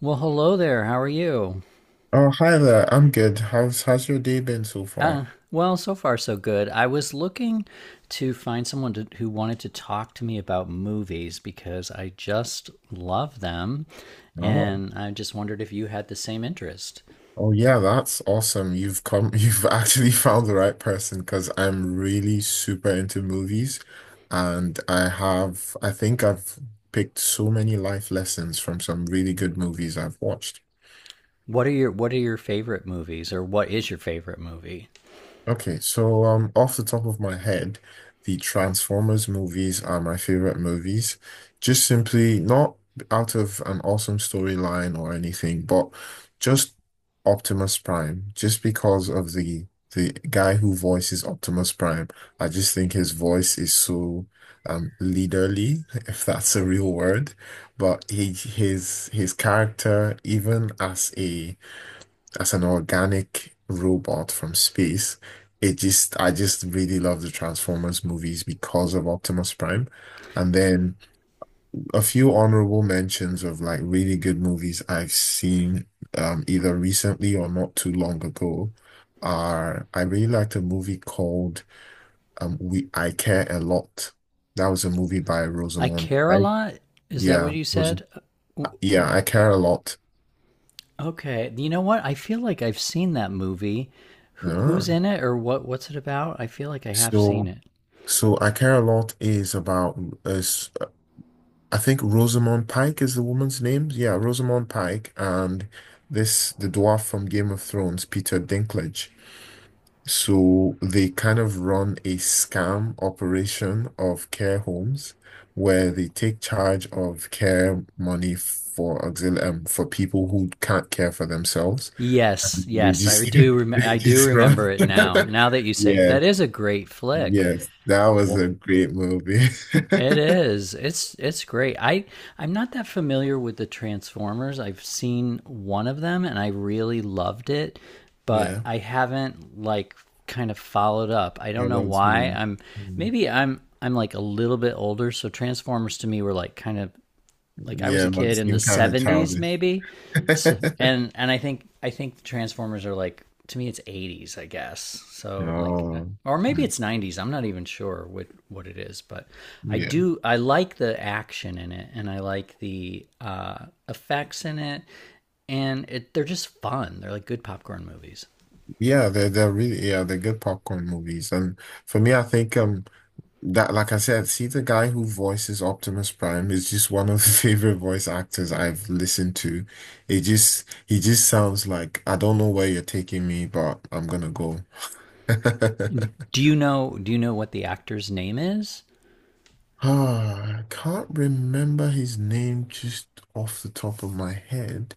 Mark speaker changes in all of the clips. Speaker 1: Well, hello there. How are you?
Speaker 2: Oh, hi there. I'm good. How's your day been so far?
Speaker 1: So far so good. I was looking to find someone to, who wanted to talk to me about movies because I just love them,
Speaker 2: Oh,
Speaker 1: and I just wondered if you had the same interest.
Speaker 2: oh yeah, that's awesome. You've come, you've actually found the right person because I'm really super into movies and I think I've picked so many life lessons from some really good movies I've watched.
Speaker 1: What are your favorite movies, or what is your favorite movie?
Speaker 2: Okay, so off the top of my head, the Transformers movies are my favorite movies. Just simply not out of an awesome storyline or anything, but just Optimus Prime. Just because of the guy who voices Optimus Prime, I just think his voice is so leaderly, if that's a real word. But he his character, even as a as an organic robot from space. I just really love the Transformers movies because of Optimus Prime. And then a few honorable mentions of like really good movies I've seen either recently or not too long ago are I really liked a movie called We I Care a Lot. That was a movie by
Speaker 1: I
Speaker 2: Rosamund
Speaker 1: care a
Speaker 2: Pike.
Speaker 1: lot. Is that what
Speaker 2: Yeah,
Speaker 1: you
Speaker 2: Rosam
Speaker 1: said?
Speaker 2: yeah, I Care a Lot.
Speaker 1: Okay. You know what? I feel like I've seen that movie. Who's
Speaker 2: Uh,
Speaker 1: in it, or what? What's it about? I feel like I have seen
Speaker 2: so.
Speaker 1: it.
Speaker 2: So I Care a Lot is about is I think Rosamund Pike is the woman's name. Yeah, Rosamund Pike and this the dwarf from Game of Thrones, Peter Dinklage. So they kind of run a scam operation of care homes where they take charge of care money for auxil for people who can't care for themselves.
Speaker 1: Yes,
Speaker 2: And they
Speaker 1: yes, I
Speaker 2: just
Speaker 1: do.
Speaker 2: they
Speaker 1: I do
Speaker 2: just run.
Speaker 1: remember it now. Now that you say it,
Speaker 2: Yes,
Speaker 1: that is a great flick.
Speaker 2: yes, that was
Speaker 1: Well,
Speaker 2: a great movie.
Speaker 1: it is. It's great. I'm not that familiar with the Transformers. I've seen one of them and I really loved it, but
Speaker 2: Yeah,
Speaker 1: I haven't like kind of followed up. I
Speaker 2: I
Speaker 1: don't know
Speaker 2: love
Speaker 1: why.
Speaker 2: too.
Speaker 1: I'm
Speaker 2: Mm.
Speaker 1: maybe I'm like a little bit older, so Transformers to me were like kind of like I was a
Speaker 2: Yeah, my
Speaker 1: kid in the
Speaker 2: team kind of
Speaker 1: 70s
Speaker 2: childish.
Speaker 1: maybe. So and I think the Transformers are like to me it's 80s, I guess. So like
Speaker 2: Oh,
Speaker 1: or maybe
Speaker 2: mm.
Speaker 1: it's 90s. I'm not even sure what it is, but
Speaker 2: Yeah,
Speaker 1: I like the action in it and I like the effects in it and it they're just fun. They're like good popcorn movies.
Speaker 2: yeah. They're really yeah they're good popcorn movies, and for me, I think that like I said, see the guy who voices Optimus Prime is just one of the favorite voice actors I've listened to. It just he just sounds like I don't know where you're taking me, but I'm gonna go.
Speaker 1: Do you know what the actor's name is?
Speaker 2: Ah, I can't remember his name just off the top of my head.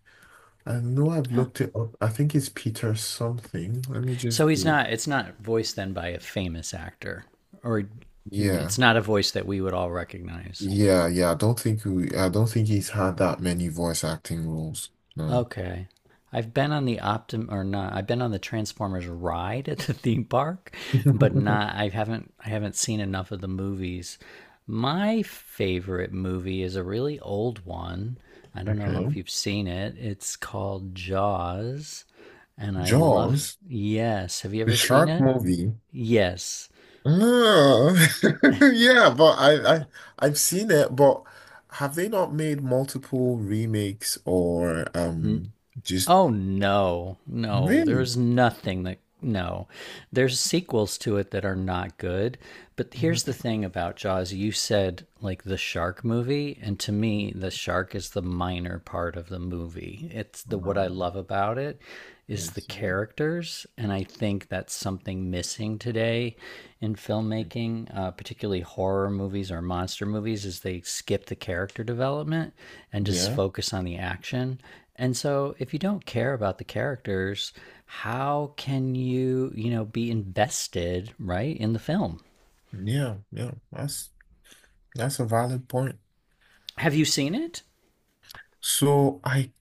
Speaker 2: I know I've looked it up. I think it's Peter something. Let me
Speaker 1: So
Speaker 2: just
Speaker 1: he's
Speaker 2: do it.
Speaker 1: not. It's not voiced then by a famous actor, or
Speaker 2: Yeah.
Speaker 1: it's not a voice that we would all recognize.
Speaker 2: Yeah, yeah. I don't think he's had that many voice acting roles. No.
Speaker 1: Okay, I've been on the Optim or not. I've been on the Transformers ride at the theme park, but not. I haven't. I haven't seen enough of the movies. My favorite movie is a really old one. I don't know
Speaker 2: Okay.
Speaker 1: if you've seen it. It's called Jaws, and I love.
Speaker 2: Jaws,
Speaker 1: Yes, have you
Speaker 2: the
Speaker 1: ever seen
Speaker 2: shark
Speaker 1: it?
Speaker 2: movie.
Speaker 1: Yes.
Speaker 2: No. Yeah, but I, I've seen it, but have they not made multiple remakes or just
Speaker 1: Oh no,
Speaker 2: really?
Speaker 1: there's nothing that no. There's sequels to it that are not good. But here's the
Speaker 2: Mhm.
Speaker 1: thing about Jaws. You said like the shark movie, and to me the shark is the minor part of the movie. It's the what I
Speaker 2: Um,
Speaker 1: love about it
Speaker 2: I
Speaker 1: is the
Speaker 2: see.
Speaker 1: characters. And I think that's something missing today in filmmaking, particularly horror movies or monster movies, is they skip the character development and just
Speaker 2: Yeah,
Speaker 1: focus on the action. And so if you don't care about the characters, how can you, you know, be invested, right, in the film?
Speaker 2: yeah, yeah. That's a valid point.
Speaker 1: Have you seen it?
Speaker 2: So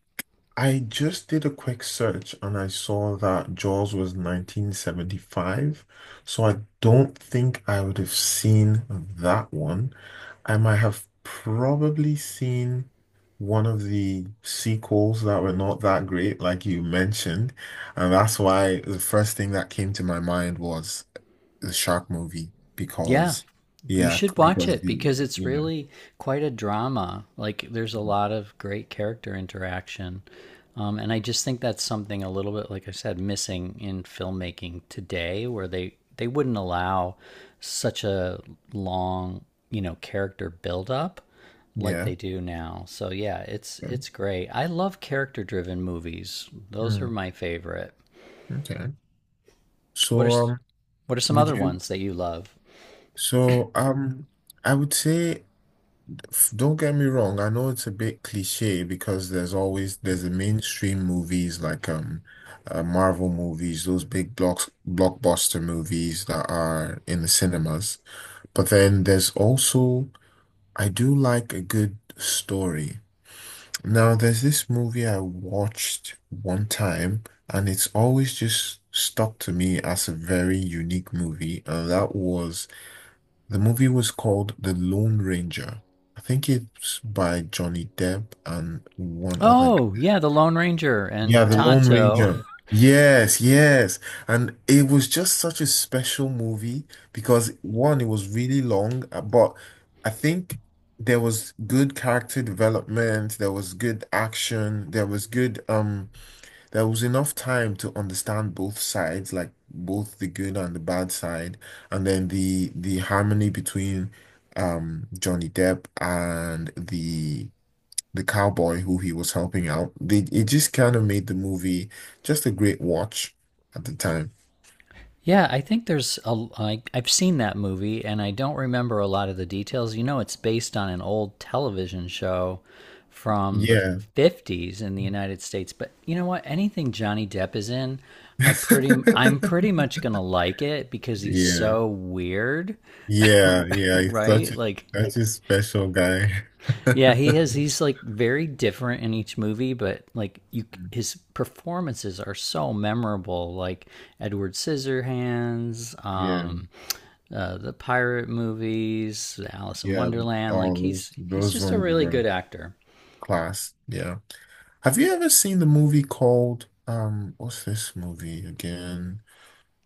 Speaker 2: I just did a quick search and I saw that Jaws was 1975. So I don't think I would have seen that one. I might have probably seen one of the sequels that were not that great, like you mentioned. And that's why the first thing that came to my mind was the shark movie
Speaker 1: Yeah,
Speaker 2: because
Speaker 1: you
Speaker 2: yeah,
Speaker 1: should watch
Speaker 2: because
Speaker 1: it
Speaker 2: the
Speaker 1: because it's
Speaker 2: you know,
Speaker 1: really quite a drama. Like, there's a lot of great character interaction. And I just think that's something a little bit, like I said, missing in filmmaking today, where they wouldn't allow such a long, you know, character buildup like
Speaker 2: yeah.
Speaker 1: they do now. So yeah,
Speaker 2: Okay.
Speaker 1: it's great. I love character-driven movies. Those are
Speaker 2: Hmm,
Speaker 1: my favorite.
Speaker 2: okay.
Speaker 1: What are
Speaker 2: So,
Speaker 1: s-
Speaker 2: um,
Speaker 1: what are some
Speaker 2: would
Speaker 1: other
Speaker 2: you?
Speaker 1: ones that you love?
Speaker 2: So, um, I would say, don't get me wrong. I know it's a bit cliche because there's the mainstream movies like Marvel movies, those big blocks blockbuster movies that are in the cinemas. But then there's also I do like a good story. Now, there's this movie I watched one time, and it's always just stuck to me as a very unique movie, and that was the movie was called The Lone Ranger. I think it's by Johnny Depp and one other.
Speaker 1: Oh, yeah, The Lone Ranger and
Speaker 2: Yeah, The Lone
Speaker 1: Tonto.
Speaker 2: Ranger. Yes, yes. And it was just such a special movie because one, it was really long, but I think there was good character development, there was good action, there was good. There was enough time to understand both sides, like both the good and the bad side, and then the harmony between Johnny Depp and the cowboy who he was helping out. They, it just kind of made the movie just a great watch at the time.
Speaker 1: Yeah, I think there's I've seen that movie and I don't remember a lot of the details. You know, it's based on an old television show from the
Speaker 2: Yeah.
Speaker 1: 50s in the United States, but you know what? Anything Johnny Depp is in, I'm pretty much going to like it because he's
Speaker 2: Yeah.
Speaker 1: so weird.
Speaker 2: Yeah, yeah. He's such
Speaker 1: right?
Speaker 2: a
Speaker 1: Like,
Speaker 2: Such a special guy.
Speaker 1: yeah, he has. He's like very different in each movie, but like you, his performances are so memorable. Like Edward Scissorhands,
Speaker 2: Yeah,
Speaker 1: the pirate movies, Alice in
Speaker 2: yeah.
Speaker 1: Wonderland. Like
Speaker 2: All
Speaker 1: he's
Speaker 2: those
Speaker 1: just a
Speaker 2: ones
Speaker 1: really good
Speaker 2: were
Speaker 1: actor.
Speaker 2: class. Yeah. Have you ever seen the movie called what's this movie again?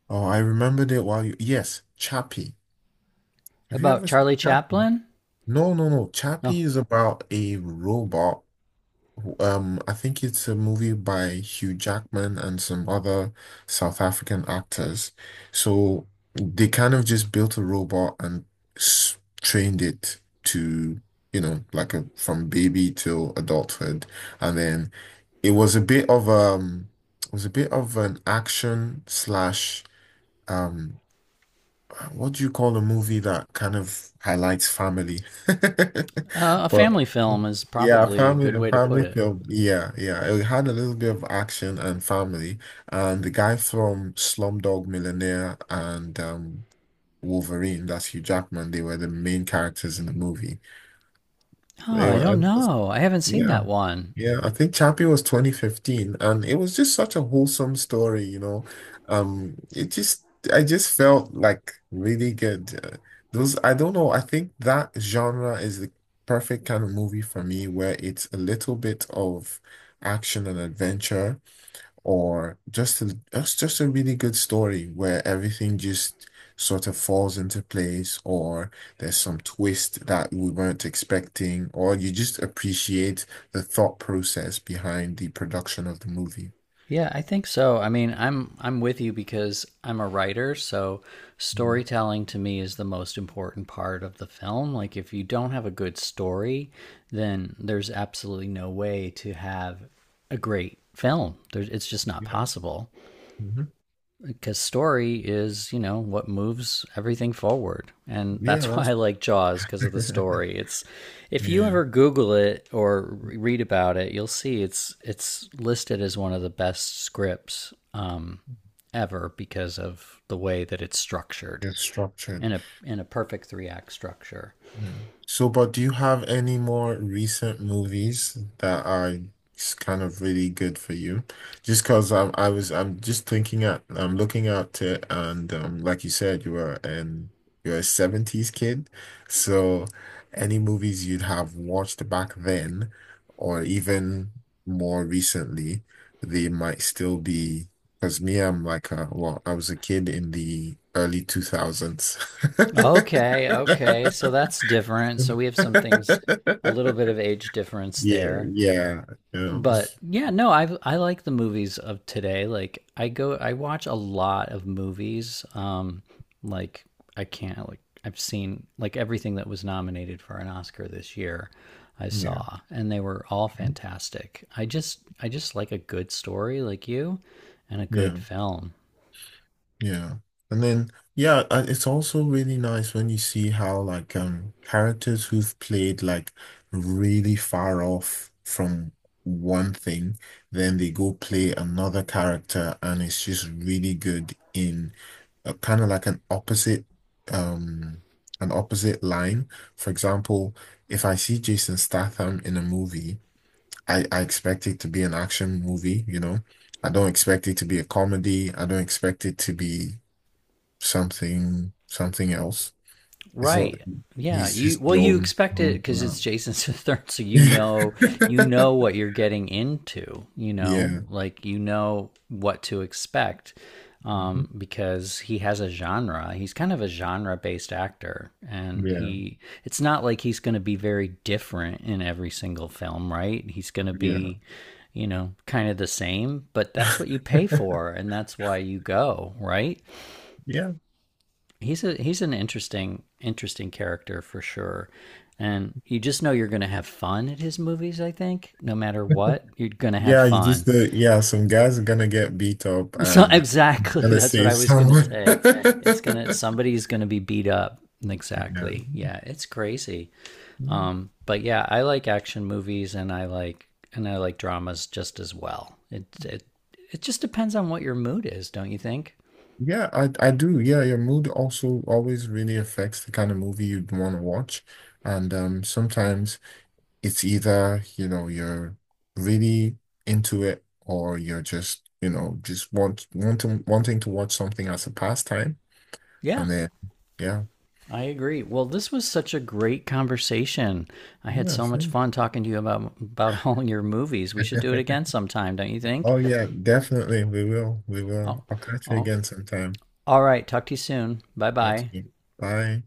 Speaker 2: Oh, I remembered it while you yes, Chappie. Have you
Speaker 1: About
Speaker 2: ever seen
Speaker 1: Charlie
Speaker 2: Chappie?
Speaker 1: Chaplin?
Speaker 2: No, no, no.
Speaker 1: No,
Speaker 2: Chappie is about a robot I think it's a movie by Hugh Jackman and some other South African actors. So they kind of just built a robot and s trained it to, you know, like a, from baby till adulthood. And then it was a bit of um, it was a bit of an action slash um. What do you call a movie that kind of highlights family?
Speaker 1: a
Speaker 2: But
Speaker 1: family film is
Speaker 2: yeah,
Speaker 1: probably a good
Speaker 2: a
Speaker 1: way to put
Speaker 2: family
Speaker 1: it.
Speaker 2: film. Yeah, yeah. It had a little bit of action and family. And the guy from Slumdog Millionaire and Wolverine, that's Hugh Jackman, they were the main characters in the movie.
Speaker 1: Oh,
Speaker 2: They
Speaker 1: I
Speaker 2: were-
Speaker 1: don't
Speaker 2: and-
Speaker 1: know. I haven't seen that
Speaker 2: yeah.
Speaker 1: one.
Speaker 2: Yeah, I think Chappie was 2015, and it was just such a wholesome story, you know. Um, it just, I just felt like really good. Those, I don't know, I think that genre is the perfect kind of movie for me where it's a little bit of action and adventure, or just a just just a really good story where everything just sort of falls into place, or there's some twist that we weren't expecting, or you just appreciate the thought process behind the production of the movie.
Speaker 1: Yeah, I think so. I mean, I'm with you because I'm a writer, so
Speaker 2: Mm,
Speaker 1: storytelling to me is the most important part of the film. Like if you don't have a good story, then there's absolutely no way to have a great film. It's just not
Speaker 2: yeah.
Speaker 1: possible
Speaker 2: Hmm.
Speaker 1: because story is, you know, what moves everything forward, and
Speaker 2: Yeah,
Speaker 1: that's why I
Speaker 2: that's
Speaker 1: like Jaws because of the story. It's if you
Speaker 2: yeah,
Speaker 1: ever Google it or read about it, you'll see it's listed as one of the best scripts, ever, because of the way that it's structured
Speaker 2: it's structured.
Speaker 1: in a perfect three act structure.
Speaker 2: Yeah. So, but do you have any more recent movies that are kind of really good for you? Just because I'm just thinking I'm looking at it, and like you said, you were an you're a 70s kid, so any movies you'd have watched back then, or even more recently, they might still be. Because me, well, I was a kid in the early 2000s.
Speaker 1: Okay, okay, so that's different, so we have some things, a little bit of age difference
Speaker 2: Yeah,
Speaker 1: there,
Speaker 2: yeah,
Speaker 1: but yeah, no, I like the movies of today. Like I go, I watch a lot of movies. Like I can't like I've seen like everything that was nominated for an Oscar this year. I
Speaker 2: yeah,
Speaker 1: saw, and they were all
Speaker 2: okay.
Speaker 1: fantastic. I just like a good story, like you, and a good
Speaker 2: Yeah,
Speaker 1: film.
Speaker 2: yeah. And then, yeah, it's also really nice when you see how like characters who've played like really far off from one thing, then they go play another character, and it's just really good in a kind of like um, an opposite line. For example, if I see Jason Statham in a movie. I expect it to be an action movie, you know. I don't expect it to be a comedy. I don't expect it to be something else. It's not,
Speaker 1: Right. Yeah.
Speaker 2: he's
Speaker 1: You
Speaker 2: just
Speaker 1: well, you expect it
Speaker 2: known for
Speaker 1: because it's
Speaker 2: that.
Speaker 1: Jason Statham, so you know what you're getting into. You know,
Speaker 2: Yeah.
Speaker 1: like you know what to expect,
Speaker 2: Mhm.
Speaker 1: because he has a genre. He's kind of a genre-based actor, and
Speaker 2: Yeah.
Speaker 1: he it's not like he's going to be very different in every single film, right? He's going to
Speaker 2: Yeah.
Speaker 1: be, you know, kind of the same, but that's what you pay for, and that's why you go, right?
Speaker 2: Yeah.
Speaker 1: He's a he's an interesting interesting character for sure, and you just know you're going to have fun at his movies, I think. No matter what, you're going to have
Speaker 2: Yeah, you
Speaker 1: fun.
Speaker 2: just yeah, some guys are gonna get beat up
Speaker 1: so
Speaker 2: and
Speaker 1: exactly,
Speaker 2: gonna
Speaker 1: that's what I
Speaker 2: save
Speaker 1: was going to
Speaker 2: someone.
Speaker 1: say. It's going to, somebody's going to be beat up. Exactly, yeah, it's crazy.
Speaker 2: Yeah.
Speaker 1: But yeah, I like action movies, and I like dramas just as well. It just depends on what your mood is, don't you think?
Speaker 2: Yeah, I do. Yeah, your mood also always really affects the kind of movie you'd want to watch. And sometimes it's either, you know, you're really into it or you're just, you know, just wanting to watch something as a pastime.
Speaker 1: Yeah,
Speaker 2: And then yeah.
Speaker 1: I agree. Well, this was such a great conversation. I had
Speaker 2: Yeah, I
Speaker 1: so much
Speaker 2: think.
Speaker 1: fun talking to you about all your movies. We should do it again sometime, don't you think?
Speaker 2: Oh yeah, definitely. We will. We will.
Speaker 1: Oh,
Speaker 2: I'll catch you
Speaker 1: oh.
Speaker 2: again sometime.
Speaker 1: All right. Talk to you soon. Bye
Speaker 2: Talk to
Speaker 1: bye.
Speaker 2: you. Bye.